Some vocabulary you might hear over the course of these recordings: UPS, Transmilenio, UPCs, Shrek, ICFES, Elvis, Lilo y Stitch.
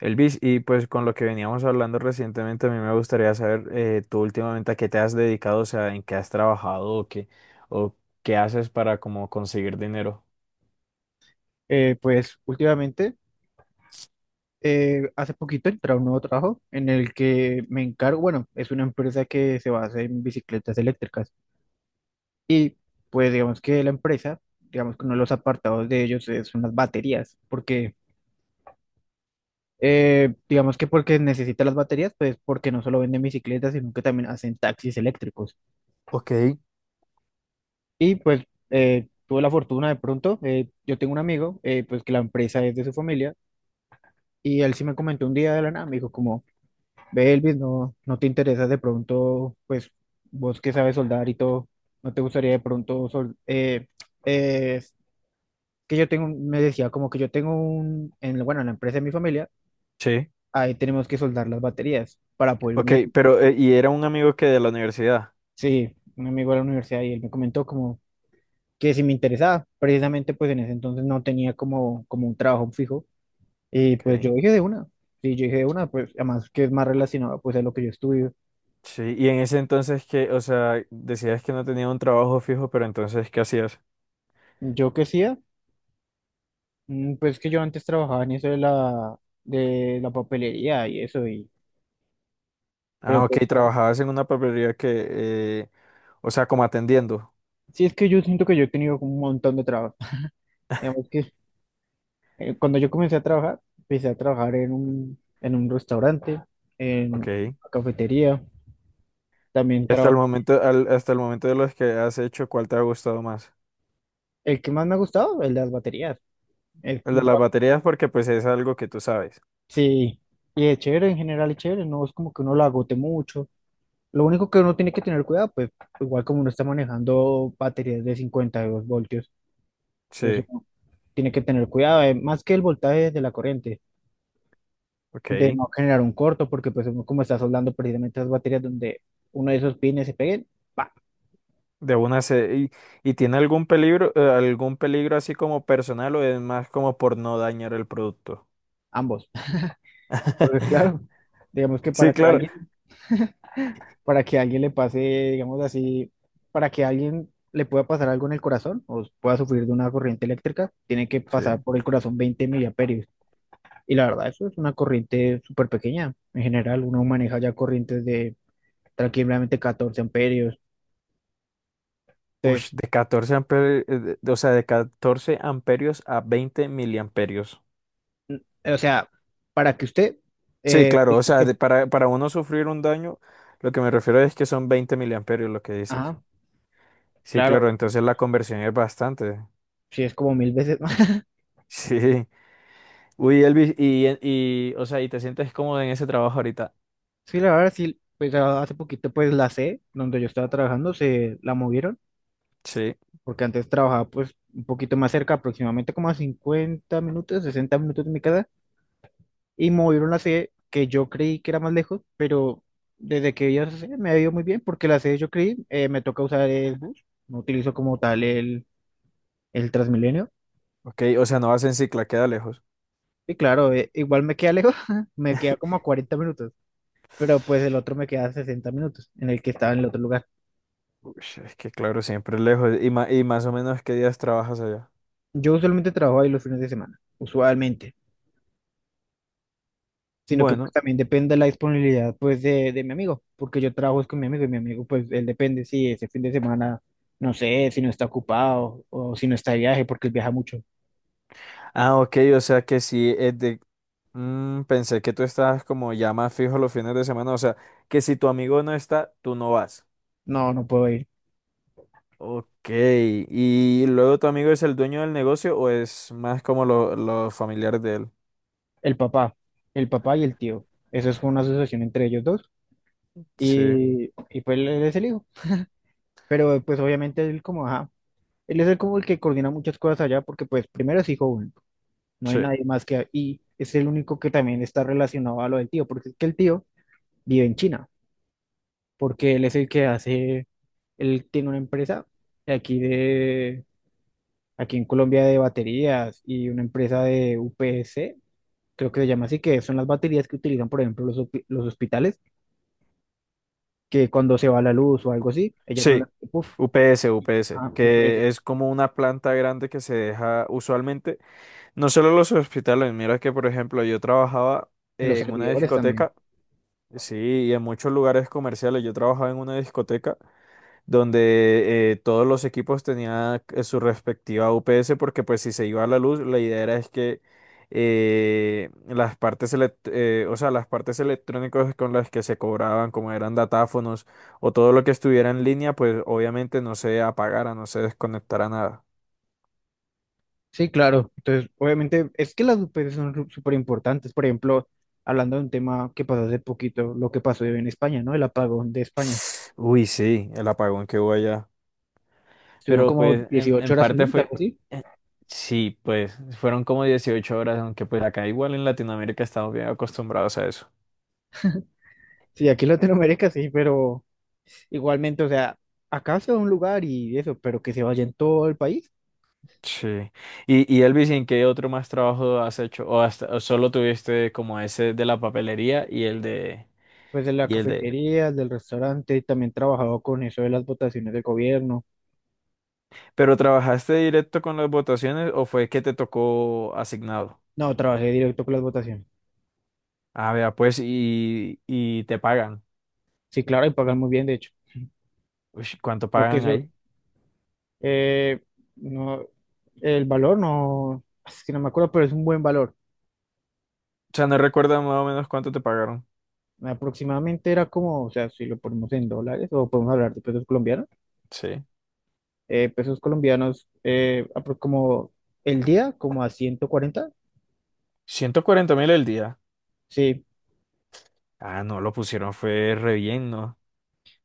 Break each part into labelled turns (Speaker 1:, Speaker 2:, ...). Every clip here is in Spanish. Speaker 1: Elvis, y pues con lo que veníamos hablando recientemente, a mí me gustaría saber tú últimamente a qué te has dedicado, o sea, en qué has trabajado o qué haces para como conseguir dinero.
Speaker 2: Pues últimamente, hace poquito entré a un nuevo trabajo en el que me encargo, bueno, es una empresa que se basa en bicicletas eléctricas y pues digamos que la empresa, digamos que uno de los apartados de ellos son las baterías, porque digamos que porque necesita las baterías, pues porque no solo venden bicicletas, sino que también hacen taxis eléctricos.
Speaker 1: Ok.
Speaker 2: Y pues tuve la fortuna de pronto. Yo tengo un amigo, pues que la empresa es de su familia y él sí me comentó un día de la nada, me dijo como... Ve, Elvis, no, no te interesa de pronto, pues vos que sabes soldar y todo, no te gustaría de pronto, es que yo tengo, me decía como que yo tengo bueno, en la empresa de mi familia,
Speaker 1: Sí.
Speaker 2: ahí tenemos que soldar las baterías para poder
Speaker 1: Ok,
Speaker 2: unir.
Speaker 1: pero y era un amigo que de la universidad.
Speaker 2: Sí, un amigo de la universidad y él me comentó como que si me interesaba, precisamente pues en ese entonces no tenía como, como un trabajo fijo y pues
Speaker 1: Ok.
Speaker 2: yo dije de una, sí, yo dije de una, pues además que es más relacionado pues a lo que yo estudio.
Speaker 1: Sí, y en ese entonces que, o sea, decías que no tenía un trabajo fijo, pero entonces, ¿qué hacías?
Speaker 2: Yo qué sí. Pues que yo antes trabajaba en eso de la, de la papelería, y eso, y...
Speaker 1: Ah,
Speaker 2: Pero
Speaker 1: ok,
Speaker 2: pues
Speaker 1: trabajabas en una papelería que, o sea, como atendiendo.
Speaker 2: sí, es que yo siento que yo he tenido como un montón de trabajo. Digamos que cuando yo comencé a trabajar, empecé a trabajar en un restaurante, en una
Speaker 1: Ok.
Speaker 2: cafetería, también
Speaker 1: Y hasta el
Speaker 2: trabajé.
Speaker 1: momento, hasta el momento de los que has hecho, ¿cuál te ha gustado más?
Speaker 2: El que más me ha gustado, el de las baterías. Es
Speaker 1: El
Speaker 2: un
Speaker 1: de las
Speaker 2: trabajo-
Speaker 1: baterías porque pues es algo que tú sabes.
Speaker 2: sí, y es chévere en general, es chévere, no es como que uno lo agote mucho. Lo único que uno tiene que tener cuidado, pues igual como uno está manejando baterías de 52 voltios, entonces
Speaker 1: Sí,
Speaker 2: tiene que tener cuidado, más que el voltaje de la corriente, de
Speaker 1: ok.
Speaker 2: no generar un corto, porque pues uno como está soldando precisamente las baterías, donde uno de esos pines se peguen, ¡pa!
Speaker 1: De una se... ¿Y, y tiene algún peligro así como personal o es más como por no dañar el producto?
Speaker 2: Ambos. Porque claro, digamos que
Speaker 1: Sí, claro.
Speaker 2: para que alguien le pase, digamos así, para que alguien le pueda pasar algo en el corazón o pueda sufrir de una corriente eléctrica, tiene que
Speaker 1: Sí.
Speaker 2: pasar por el corazón 20 miliamperios. Y la verdad, eso es una corriente súper pequeña. En general, uno maneja ya corrientes de tranquilamente 14 amperios,
Speaker 1: Uy,
Speaker 2: entonces...
Speaker 1: de 14 amperios, o sea, de 14 amperios a 20 miliamperios.
Speaker 2: O sea, para que usted,
Speaker 1: Sí,
Speaker 2: eh,
Speaker 1: claro, o
Speaker 2: es
Speaker 1: sea,
Speaker 2: que,
Speaker 1: para uno sufrir un daño, lo que me refiero es que son 20 miliamperios lo que dices.
Speaker 2: ajá,
Speaker 1: Sí,
Speaker 2: claro,
Speaker 1: claro, entonces la conversión es bastante.
Speaker 2: sí es como 1.000 veces más.
Speaker 1: Sí. Uy, Elvis, y, y, o sea, y te sientes cómodo en ese trabajo ahorita.
Speaker 2: Sí, la verdad, sí, pues hace poquito, pues la C, donde yo estaba trabajando, se la movieron,
Speaker 1: Sí.
Speaker 2: porque antes trabajaba, pues, un poquito más cerca, aproximadamente como a 50 minutos, 60 minutos de mi casa, y movieron la C, que yo creí que era más lejos, pero desde que vi esa C me ha ido muy bien, porque la C yo creí, me toca usar el bus, no utilizo como tal el Transmilenio,
Speaker 1: Ok, o sea, no vas en cicla, queda lejos.
Speaker 2: y claro, igual me queda lejos, me queda como a 40 minutos. Pero pues el otro me queda 60 minutos en el que estaba en el otro lugar.
Speaker 1: Uy, es que claro, siempre es lejos. Y, y más o menos, ¿qué días trabajas allá?
Speaker 2: Yo usualmente trabajo ahí los fines de semana, usualmente, sino que pues
Speaker 1: Bueno.
Speaker 2: también depende de la disponibilidad pues de mi amigo, porque yo trabajo es con mi amigo, y mi amigo pues él depende si ese fin de semana, no sé, si no está ocupado o si no está de viaje porque él viaja mucho.
Speaker 1: Ah, ok, o sea que si es de... Mm, pensé que tú estabas como ya más fijo los fines de semana, o sea, que si tu amigo no está, tú no vas.
Speaker 2: No, no puedo ir.
Speaker 1: Ok, ¿y luego tu amigo es el dueño del negocio o es más como los familiares de él?
Speaker 2: El papá, el papá y el tío. Eso es una asociación entre ellos dos
Speaker 1: Sí.
Speaker 2: y pues él es el hijo. Pero pues obviamente él como, ajá, él es el como el que coordina muchas cosas allá porque pues primero es hijo único. No hay
Speaker 1: Sí.
Speaker 2: nadie más que... Y es el único que también está relacionado a lo del tío, porque es que el tío vive en China, porque él es el que hace, él tiene una empresa de, aquí en Colombia de baterías, y una empresa de UPS, creo que se llama así, que son las baterías que utilizan, por ejemplo, los, los hospitales, que cuando se va la luz o algo así, ellas son las
Speaker 1: Sí,
Speaker 2: que, puf...
Speaker 1: UPS, UPS,
Speaker 2: Ah, UPS,
Speaker 1: que es como una planta grande que se deja usualmente, no solo los hospitales, mira que por ejemplo yo trabajaba
Speaker 2: en los
Speaker 1: en una
Speaker 2: servidores también.
Speaker 1: discoteca, sí, y en muchos lugares comerciales, yo trabajaba en una discoteca donde todos los equipos tenían su respectiva UPS porque pues si se iba a la luz, la idea era es que las partes o sea, las partes electrónicas con las que se cobraban, como eran datáfonos o todo lo que estuviera en línea, pues obviamente no se apagara, no se desconectara nada.
Speaker 2: Sí, claro. Entonces, obviamente, es que las UPCs son súper importantes. Por ejemplo, hablando de un tema que pasó hace poquito, lo que pasó en España, ¿no? El apagón de España.
Speaker 1: Uy, sí, el apagón que hubo allá.
Speaker 2: Estuvieron
Speaker 1: Pero
Speaker 2: como
Speaker 1: pues
Speaker 2: 18
Speaker 1: en
Speaker 2: horas sin
Speaker 1: parte
Speaker 2: luz,
Speaker 1: fue,
Speaker 2: algo así.
Speaker 1: eh, sí, pues fueron como 18 horas, aunque pues acá igual en Latinoamérica estamos bien acostumbrados a eso.
Speaker 2: Sí, aquí en Latinoamérica sí, pero igualmente, o sea, acá se va a un lugar y eso, pero que se vaya en todo el país.
Speaker 1: Sí. Y Elvis, ¿en qué otro más trabajo has hecho? ¿O hasta o solo tuviste como ese de la papelería
Speaker 2: Pues de la
Speaker 1: y el de
Speaker 2: cafetería, del restaurante, también trabajaba con eso de las votaciones del gobierno.
Speaker 1: ¿Pero trabajaste directo con las votaciones o fue que te tocó asignado?
Speaker 2: No, trabajé directo con las votaciones.
Speaker 1: Ah, vea, pues y te pagan.
Speaker 2: Sí, claro, y pagan muy bien, de hecho.
Speaker 1: Uy, ¿cuánto
Speaker 2: Lo que
Speaker 1: pagan
Speaker 2: eso...
Speaker 1: ahí?
Speaker 2: Eh, no, el valor no, es que no me acuerdo, pero es un buen valor.
Speaker 1: O sea, no recuerdo más o menos cuánto te pagaron.
Speaker 2: Aproximadamente era como, o sea, si lo ponemos en dólares o podemos hablar de
Speaker 1: Sí.
Speaker 2: pesos colombianos como el día, como a 140.
Speaker 1: 140.000 el día.
Speaker 2: Sí,
Speaker 1: Ah, no, lo pusieron, fue re bien, ¿no?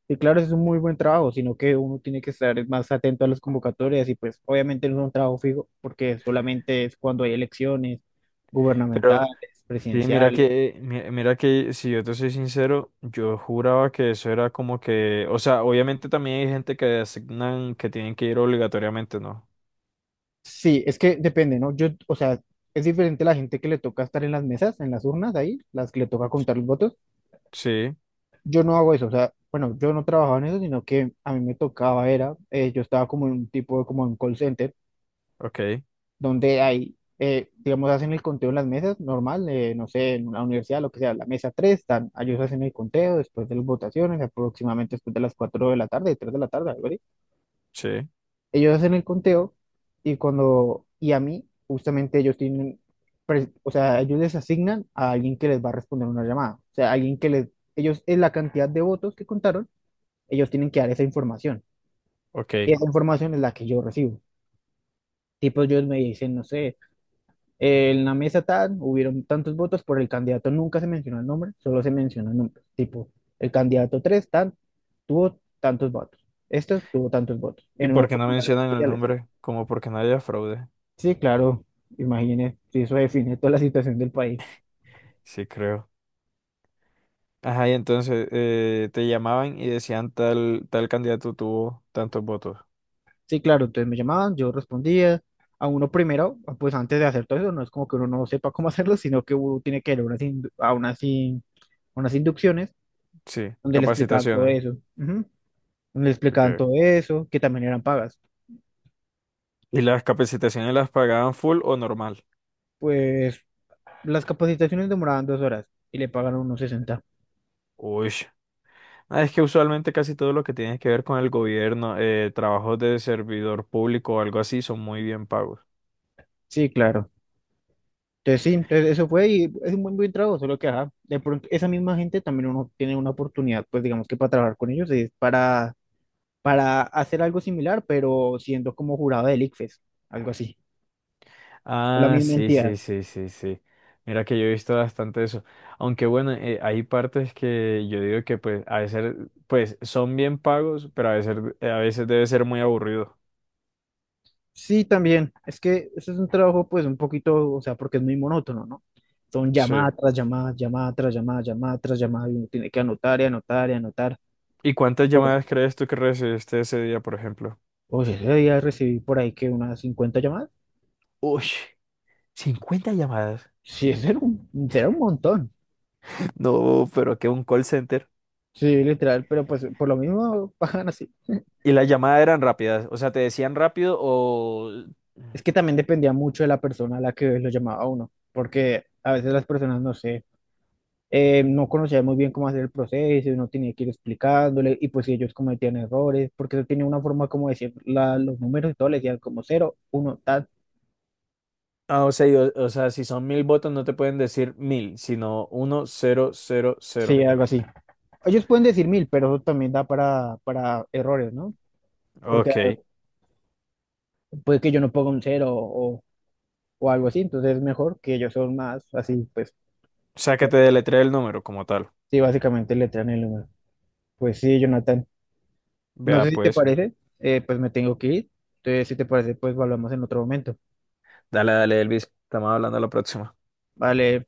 Speaker 2: y claro, es un muy buen trabajo, sino que uno tiene que estar más atento a las convocatorias, y pues obviamente no es un trabajo fijo porque solamente es cuando hay elecciones gubernamentales,
Speaker 1: Pero sí, mira
Speaker 2: presidenciales.
Speaker 1: que, mira que si yo te soy sincero, yo juraba que eso era como que, o sea, obviamente también hay gente que asignan que tienen que ir obligatoriamente, ¿no?
Speaker 2: Sí, es que depende, ¿no? Yo, o sea, es diferente la gente que le toca estar en las mesas, en las urnas ahí, las que le toca contar los votos.
Speaker 1: Sí,
Speaker 2: Yo no hago eso, o sea, bueno, yo no trabajaba en eso, sino que a mí me tocaba, era, yo estaba como en un tipo, como en un call center,
Speaker 1: ok,
Speaker 2: donde hay, digamos, hacen el conteo en las mesas, normal, no sé, en una universidad, lo que sea, la mesa 3 están, ellos hacen el conteo después de las votaciones, aproximadamente después de las 4 de la tarde, 3 de la tarde, algo así.
Speaker 1: sí,
Speaker 2: Ellos hacen el conteo y cuando, y a mí, justamente ellos tienen, o sea, ellos les asignan a alguien que les va a responder una llamada. O sea, alguien que les, ellos, en la cantidad de votos que contaron, ellos tienen que dar esa información. Y
Speaker 1: ok.
Speaker 2: esa información es la que yo recibo. Tipo, ellos me dicen, no sé, en la mesa tal, hubieron tantos votos por el candidato", nunca se menciona el nombre, solo se menciona el nombre. Tipo, el candidato 3 tan, tuvo tantos votos. Este tuvo tantos votos
Speaker 1: ¿Y
Speaker 2: en
Speaker 1: por
Speaker 2: unos
Speaker 1: qué no
Speaker 2: formularios
Speaker 1: mencionan el
Speaker 2: especiales.
Speaker 1: nombre? Como porque no haya fraude.
Speaker 2: Sí, claro, imagínese, sí, eso define toda la situación del país.
Speaker 1: Sí, creo. Ajá, y entonces te llamaban y decían tal, tal candidato tuvo tantos votos.
Speaker 2: Sí, claro, entonces me llamaban, yo respondía. A uno primero, pues antes de hacer todo eso, no es como que uno no sepa cómo hacerlo, sino que uno tiene que ir a unas, indu- a unas, in- a unas inducciones
Speaker 1: Sí,
Speaker 2: donde le explicaban todo
Speaker 1: capacitaciones.
Speaker 2: eso, ujú. Donde le explicaban
Speaker 1: Okay.
Speaker 2: todo eso, que también eran pagas.
Speaker 1: ¿Y las capacitaciones las pagaban full o normal?
Speaker 2: Pues las capacitaciones demoraban 2 horas y le pagaron unos 60.
Speaker 1: Uy. Ah, es que usualmente casi todo lo que tiene que ver con el gobierno, trabajos de servidor público o algo así, son muy bien pagos.
Speaker 2: Sí, claro. Entonces sí, entonces eso fue, y es un buen, buen trabajo, solo que ajá, de pronto esa misma gente también uno tiene una oportunidad, pues digamos que para trabajar con ellos es para hacer algo similar, pero siendo como jurado del ICFES, algo así, la
Speaker 1: Ah,
Speaker 2: misma
Speaker 1: sí,
Speaker 2: entidad.
Speaker 1: sí, sí, sí, sí. Mira que yo he visto bastante eso. Aunque bueno, hay partes que yo digo que pues a veces pues son bien pagos, pero a veces debe ser muy aburrido.
Speaker 2: Sí, también, es que ese es un trabajo pues un poquito, o sea, porque es muy monótono, ¿no? Son
Speaker 1: Sí.
Speaker 2: llamada tras llamada, llamada tras llamada, llamada tras llamada, y uno tiene que anotar y anotar y anotar.
Speaker 1: ¿Y cuántas
Speaker 2: Pues,
Speaker 1: llamadas crees tú que recibiste ese día, por ejemplo?
Speaker 2: oye, ese día recibí por ahí que unas 50 llamadas.
Speaker 1: Uy, 50 llamadas.
Speaker 2: Sí, ese era un montón.
Speaker 1: No, pero que un call center.
Speaker 2: Sí, literal, pero pues por lo mismo pagan así.
Speaker 1: Y las llamadas eran rápidas, o sea, te decían rápido o...
Speaker 2: Es que también dependía mucho de la persona a la que lo llamaba a uno, porque a veces las personas, no sé, no conocían muy bien cómo hacer el proceso, uno tenía que ir explicándole, y pues si ellos cometían errores, porque eso tenía una forma como decir los números y todo, le decían como cero, uno, tal,
Speaker 1: Ah, o sea, y o sea, si son mil votos no te pueden decir mil, sino uno, cero, cero,
Speaker 2: sí,
Speaker 1: cero.
Speaker 2: algo así. Ellos pueden decir mil, pero eso también da para errores, ¿no? Porque
Speaker 1: Ok,
Speaker 2: puede que yo no ponga un cero o algo así, entonces es mejor que ellos son más así, pues,
Speaker 1: o sea que te deletrea el número como tal.
Speaker 2: sí, básicamente le traen el número. Pues sí, Jonathan. No
Speaker 1: Vea
Speaker 2: sé si te
Speaker 1: pues.
Speaker 2: parece, pues me tengo que ir. Entonces, si te parece, pues hablamos en otro momento.
Speaker 1: Dale, dale, Elvis, estamos hablando a la próxima.
Speaker 2: Vale.